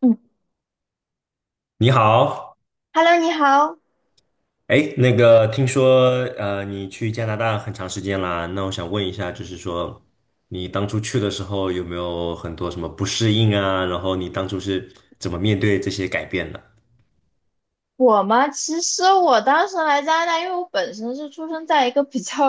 嗯你好，，Hello，你好。哎，那个听说你去加拿大很长时间啦，那我想问一下，就是说你当初去的时候有没有很多什么不适应啊？然后你当初是怎么面对这些改变的？我嘛，其实我当时来加拿大，因为我本身是出生在一个比较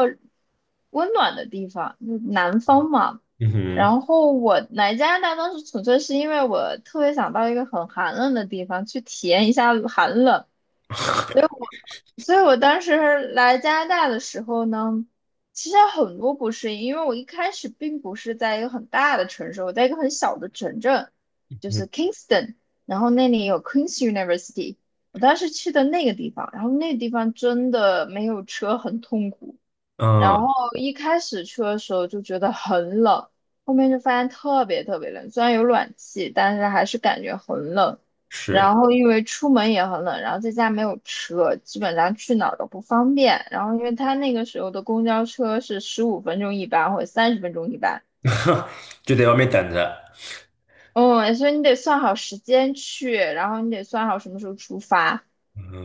温暖的地方，就是南方嘛。嗯哼。然后我来加拿大当时纯粹是因为我特别想到一个很寒冷的地方去体验一下寒冷，所以我当时来加拿大的时候呢，其实很多不适应，因为我一开始并不是在一个很大的城市，我在一个很小的城镇，就嗯是 Kingston，然后那里有 Queen's University，我当时去的那个地方，然后那个地方真的没有车很痛苦。嗯，然后一开始去的时候就觉得很冷，后面就发现特别特别冷，虽然有暖气，但是还是感觉很冷。是。然后因为出门也很冷，然后在家没有车，基本上去哪儿都不方便。然后因为他那个时候的公交车是15分钟一班或者30分钟一班，就在外面等着。嗯，所以你得算好时间去，然后你得算好什么时候出发。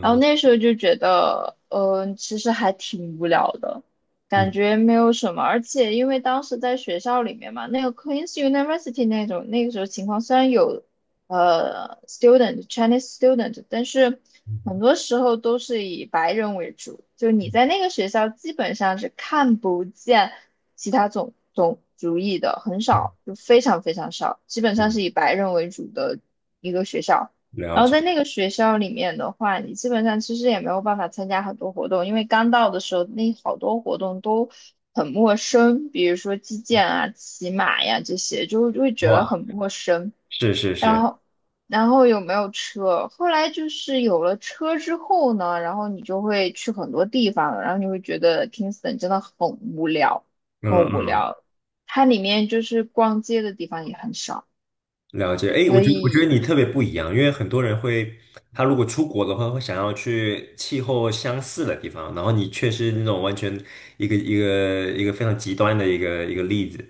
然后那时候就觉得，其实还挺无聊的，感嗯觉没有什么。而且因为当时在学校里面嘛，那个 Queen's University 那种那个时候情况，虽然有Chinese student，但是很嗯多时候都是以白人为主，就你在那个学校基本上是看不见其他种族裔的，很嗯。少，就非常非常少，基本上嗯，是以白人为主的一个学校。了然后解。在那个学校里面的话，你基本上其实也没有办法参加很多活动，因为刚到的时候那好多活动都很陌生，比如说击剑啊、骑马呀这些，就会觉得哇，很陌生。是是然是。后，有没有车？后来就是有了车之后呢，然后你就会去很多地方了，然后你会觉得 Kingston 真的很无聊，嗯很无嗯，聊。它里面就是逛街的地方也很少，了解。哎，我所觉得我觉得以。你特别不一样，因为很多人会，他如果出国的话，会想要去气候相似的地方，然后你却是那种完全一个非常极端的一个例子。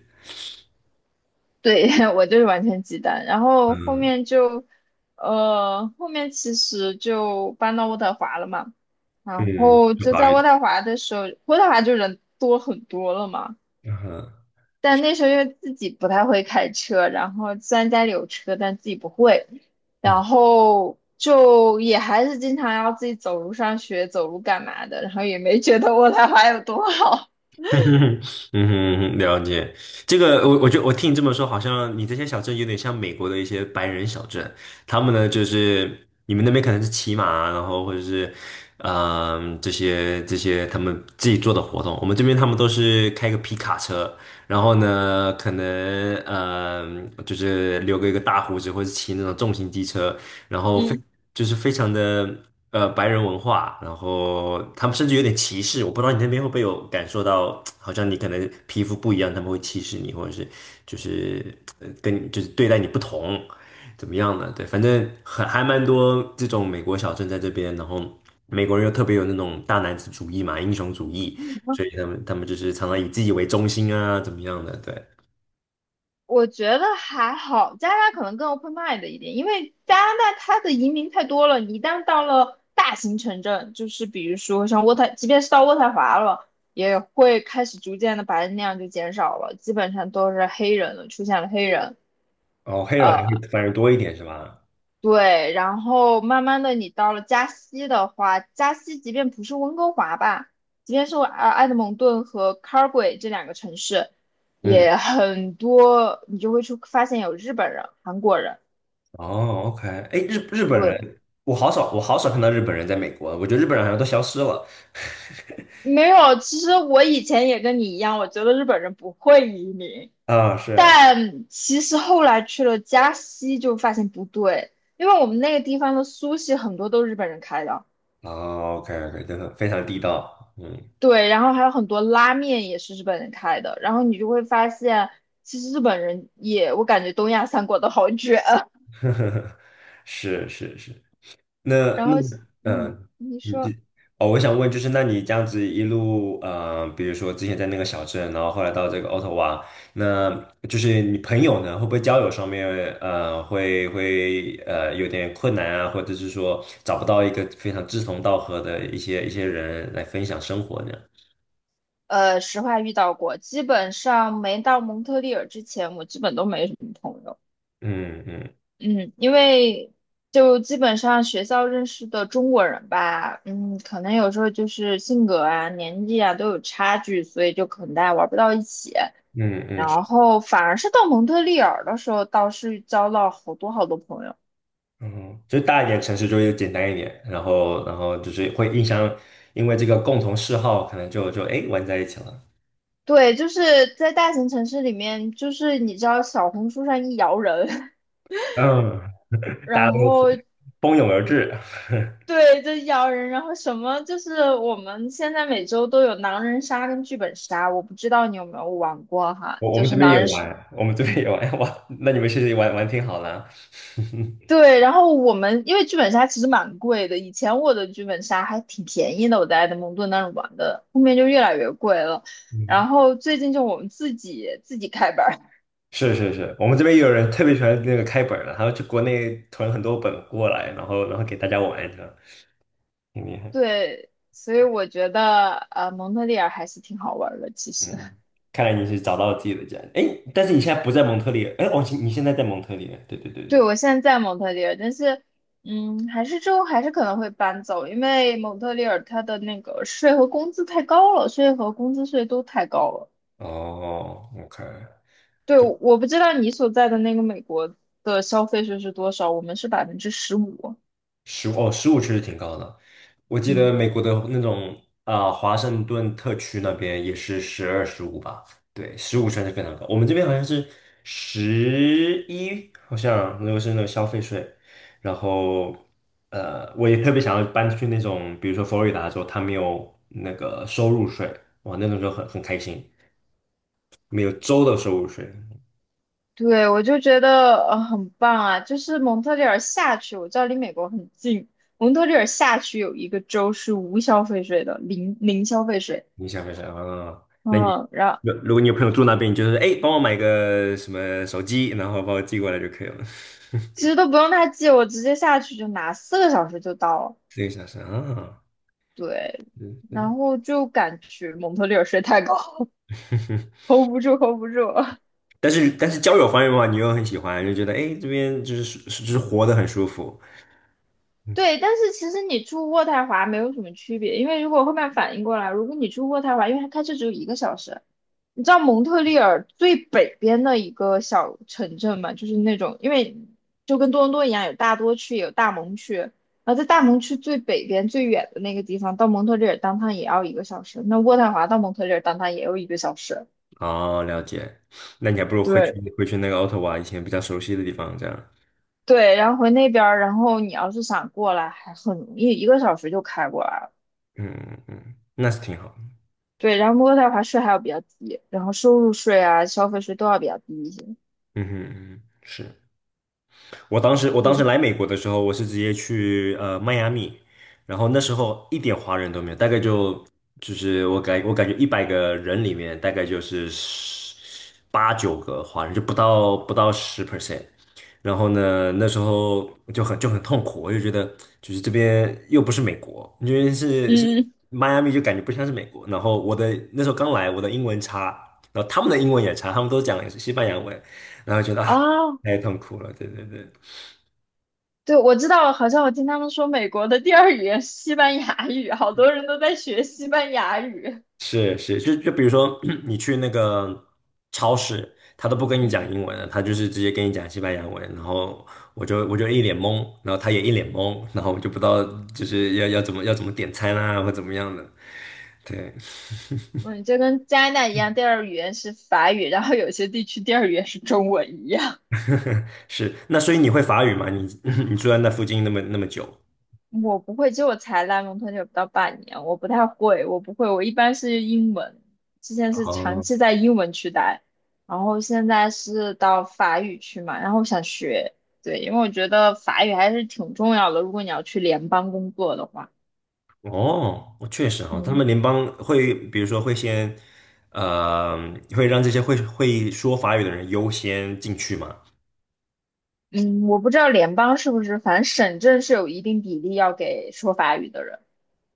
对，我就是完全鸡蛋，然后后嗯面就，后面其实就搬到渥太华了嘛，然嗯，后就就好在一渥点。太华的时候，渥太华就人多很多了嘛，嗯但那时候因为自己不太会开车，然后虽然家里有车，但自己不会，嗯。然后就也还是经常要自己走路上学，走路干嘛的，然后也没觉得渥太华有多好，嗯哼，嗯哼，了解。这个，我觉得我听你这么说，好像你这些小镇有点像美国的一些白人小镇。他们呢，就是你们那边可能是骑马啊，然后或者是，嗯，这些他们自己做的活动。我们这边他们都是开个皮卡车，然后呢，可能就是留个一个大胡子，或者骑那种重型机车，然 后非嗯。就是非常的白人文化，然后他们甚至有点歧视。我不知道你那边会不会有感受到，好像你可能皮肤不一样，他们会歧视你，或者是就是跟你就是对待你不同，怎么样呢？对，反正很还蛮多这种美国小镇在这边，然后美国人又特别有那种大男子主义嘛，英雄主义。所以他们就是常常以自己为中心啊，怎么样的？对。我觉得还好，加拿大可能更 open mind 一点，因为加拿大它的移民太多了，你一旦到了大型城镇，就是比如说像渥太，即便是到渥太华了，也会开始逐渐的白人量就减少了，基本上都是黑人了，出现了黑人。哦，黑人还是反而多一点是吧？对，然后慢慢的你到了加西的话，加西即便不是温哥华吧，即便是埃德蒙顿和 Calgay 这两个城市，嗯。也很多，你就会出发现有日本人、韩国人。哦，OK，哎，日日本对，人，我好少看到日本人在美国，我觉得日本人好像都消失了。没有。其实我以前也跟你一样，我觉得日本人不会移民，啊，是。但其实后来去了加西就发现不对，因为我们那个地方的苏系很多都是日本人开的。哦， o k OK，真的非常地道。嗯。对，然后还有很多拉面也是日本人开的，然后你就会发现，其实日本人也，我感觉东亚三国都好卷啊。是是是。那然那后，嗯，嗯，你你这说，哦，我想问就是，那你这样子一路，比如说之前在那个小镇，然后后来到这个渥太华，那就是你朋友呢，会不会交友上面，会有点困难啊，或者是说找不到一个非常志同道合的一些人来分享生活呢？实话遇到过，基本上没到蒙特利尔之前，我基本都没什么朋友。嗯嗯嗯，因为就基本上学校认识的中国人吧，嗯，可能有时候就是性格啊、年纪啊都有差距，所以就可能大家玩不到一起。嗯嗯，是。然后反而是到蒙特利尔的时候，倒是交到好多好多朋友。嗯，就是大一点城市就会简单一点，然后就是会印象，因为这个共同嗜好，可能就哎玩在一起了。对，就是在大型城市里面，就是你知道小红书上一摇人，嗯，大家然都后蜂拥而至。对，就咬人，然后什么就是我们现在每周都有狼人杀跟剧本杀，我不知道你有没有玩过哈，我我就们这是边狼人也杀。玩，我们这边也玩。哇，那你们其实也玩玩挺好的。对，然后我们因为剧本杀其实蛮贵的，以前我的剧本杀还挺便宜的，我在埃德蒙顿那儿玩的，后面就越来越贵了。嗯，然后最近就我们自己开班儿。是是是，我们这边也有人特别喜欢那个开本儿的，他要去国内囤很多本过来，然后给大家玩这样，挺厉害。对，所以我觉得蒙特利尔还是挺好玩儿的，其实。嗯，看来你是找到了自己的家。哎，但是你现在不在蒙特利尔，哎，哦，你现在在蒙特利尔，对对对对，对。我现在在蒙特利尔，但是，嗯，还是之后还是可能会搬走，因为蒙特利尔它的那个税和工资太高了，税和工资税都太高了。哦，OK。对，我不知道你所在的那个美国的消费税是多少，我们是15%。哦，十五确实挺高的。我记得嗯，美国的那种啊、华盛顿特区那边也是12、15吧？对，十五算是非常高。我们这边好像是11，好像那个是那个消费税。然后，我也特别想要搬去那种，比如说佛罗里达州，它没有那个收入税。哇，那种就很开心，没有州的收入税。对，我就觉得很棒啊，就是蒙特利尔下去，我知道离美国很近，蒙特利尔下去有一个州是无消费税的，零消费税。你想分手啊？那你嗯，如果你有朋友住那边，你就是哎，诶帮我买个什么手机，然后把我寄过来就可以了。其 实都不用他寄，我直接下去就拿，4个小时就到了。这个小时啊，对，嗯然嗯。后就赶去蒙特利尔睡太高 ，hold 不住，hold 不住。但是交友方面的话，你又很喜欢，就觉得哎，诶这边就是活得很舒服。嗯，对，但是其实你住渥太华没有什么区别，因为如果后面反应过来，如果你住渥太华，因为它开车只有一个小时。你知道蒙特利尔最北边的一个小城镇嘛，就是那种，因为就跟多伦多一样，有大多区，也有大蒙区。然后在大蒙区最北边最远的那个地方，到蒙特利尔当趟也要一个小时。那渥太华到蒙特利尔当趟也要一个小时。哦，了解。那你还不如回去对回去那个 Ottawa 以前比较熟悉的地方，这样。对，然后回那边儿，然后你要是想过来，还很容易，一个小时就开过来了。嗯嗯，嗯，那是挺好。对，然后渥太华税还要比较低，然后收入税啊、消费税都要比较低一些。嗯哼嗯哼，是。我当时对，来美国的时候，我是直接去迈阿密，然后那时候一点华人都没有，大概就是我感觉100个人里面大概就是十八九个华人，就不到10%。然后呢，那时候就很痛苦，我就觉得就是这边又不是美国，因为是嗯迈阿密就感觉不像是美国。然后我的那时候刚来，我的英文差，然后他们的英文也差，他们都讲也是西班牙文，然后觉得啊啊，太痛苦了，对对对。对，我知道，好像我听他们说美国的第二语言是西班牙语，好多人都在学西班牙语。是，就比如说 你去那个超市，他都不跟你讲嗯英文了，他就是直接跟你讲西班牙文，然后我就一脸懵，然后他也一脸懵，然后我就不知道就是要怎么点餐啊，或怎么样的。对。嗯，就跟加拿大一样，第二语言是法语，然后有些地区第二语言是中文一样。是，那所以你会法语吗？你 你住在那附近那么那么久？我不会，就我才来蒙特利尔不到半年，我不太会，我不会，我一般是英文，之前是长哦期在英文区待，然后现在是到法语区嘛，然后我想学。对，因为我觉得法语还是挺重要的，如果你要去联邦工作的话，哦，我确实哈，他嗯。们联邦会，比如说会先，呃，会让这些会说法语的人优先进去嘛？嗯，我不知道联邦是不是，反正省政是有一定比例要给说法语的人，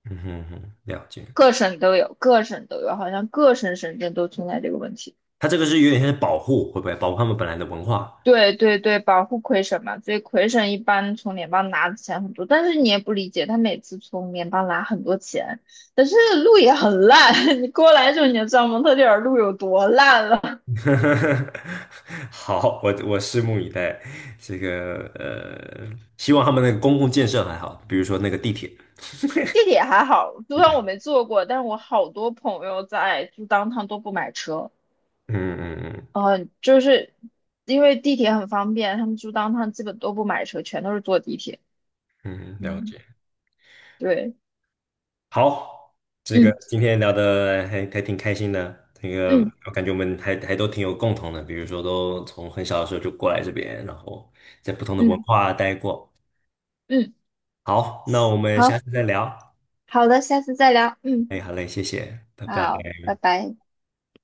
嗯哼哼，了解。各省都有，各省都有，好像各省省政都存在这个问题。它这个是有点像是保护，会不会保护他们本来的文化？对对对，保护魁省嘛，所以魁省一般从联邦拿的钱很多，但是你也不理解，他每次从联邦拿很多钱，但是路也很烂，你过来的时候你就知道蒙特利尔路有多烂了。好，我拭目以待。这个希望他们那个公共建设还好，比如说那个地铁。地铁还好，虽对然我对，没坐过，但是我好多朋友在就当趟都不买车。嗯嗯嗯就是因为地铁很方便，他们住当趟基本都不买车，全都是坐地铁。嗯，了嗯，解。对，好，这个嗯今天聊的还挺开心的。那个嗯我感觉我们还都挺有共同的，比如说都从很小的时候就过来这边，然后在不同的文嗯化待过。嗯，好，那我们下好。次再聊。好的，下次再聊。嗯，哎，好嘞，谢谢，拜拜。好，拜拜。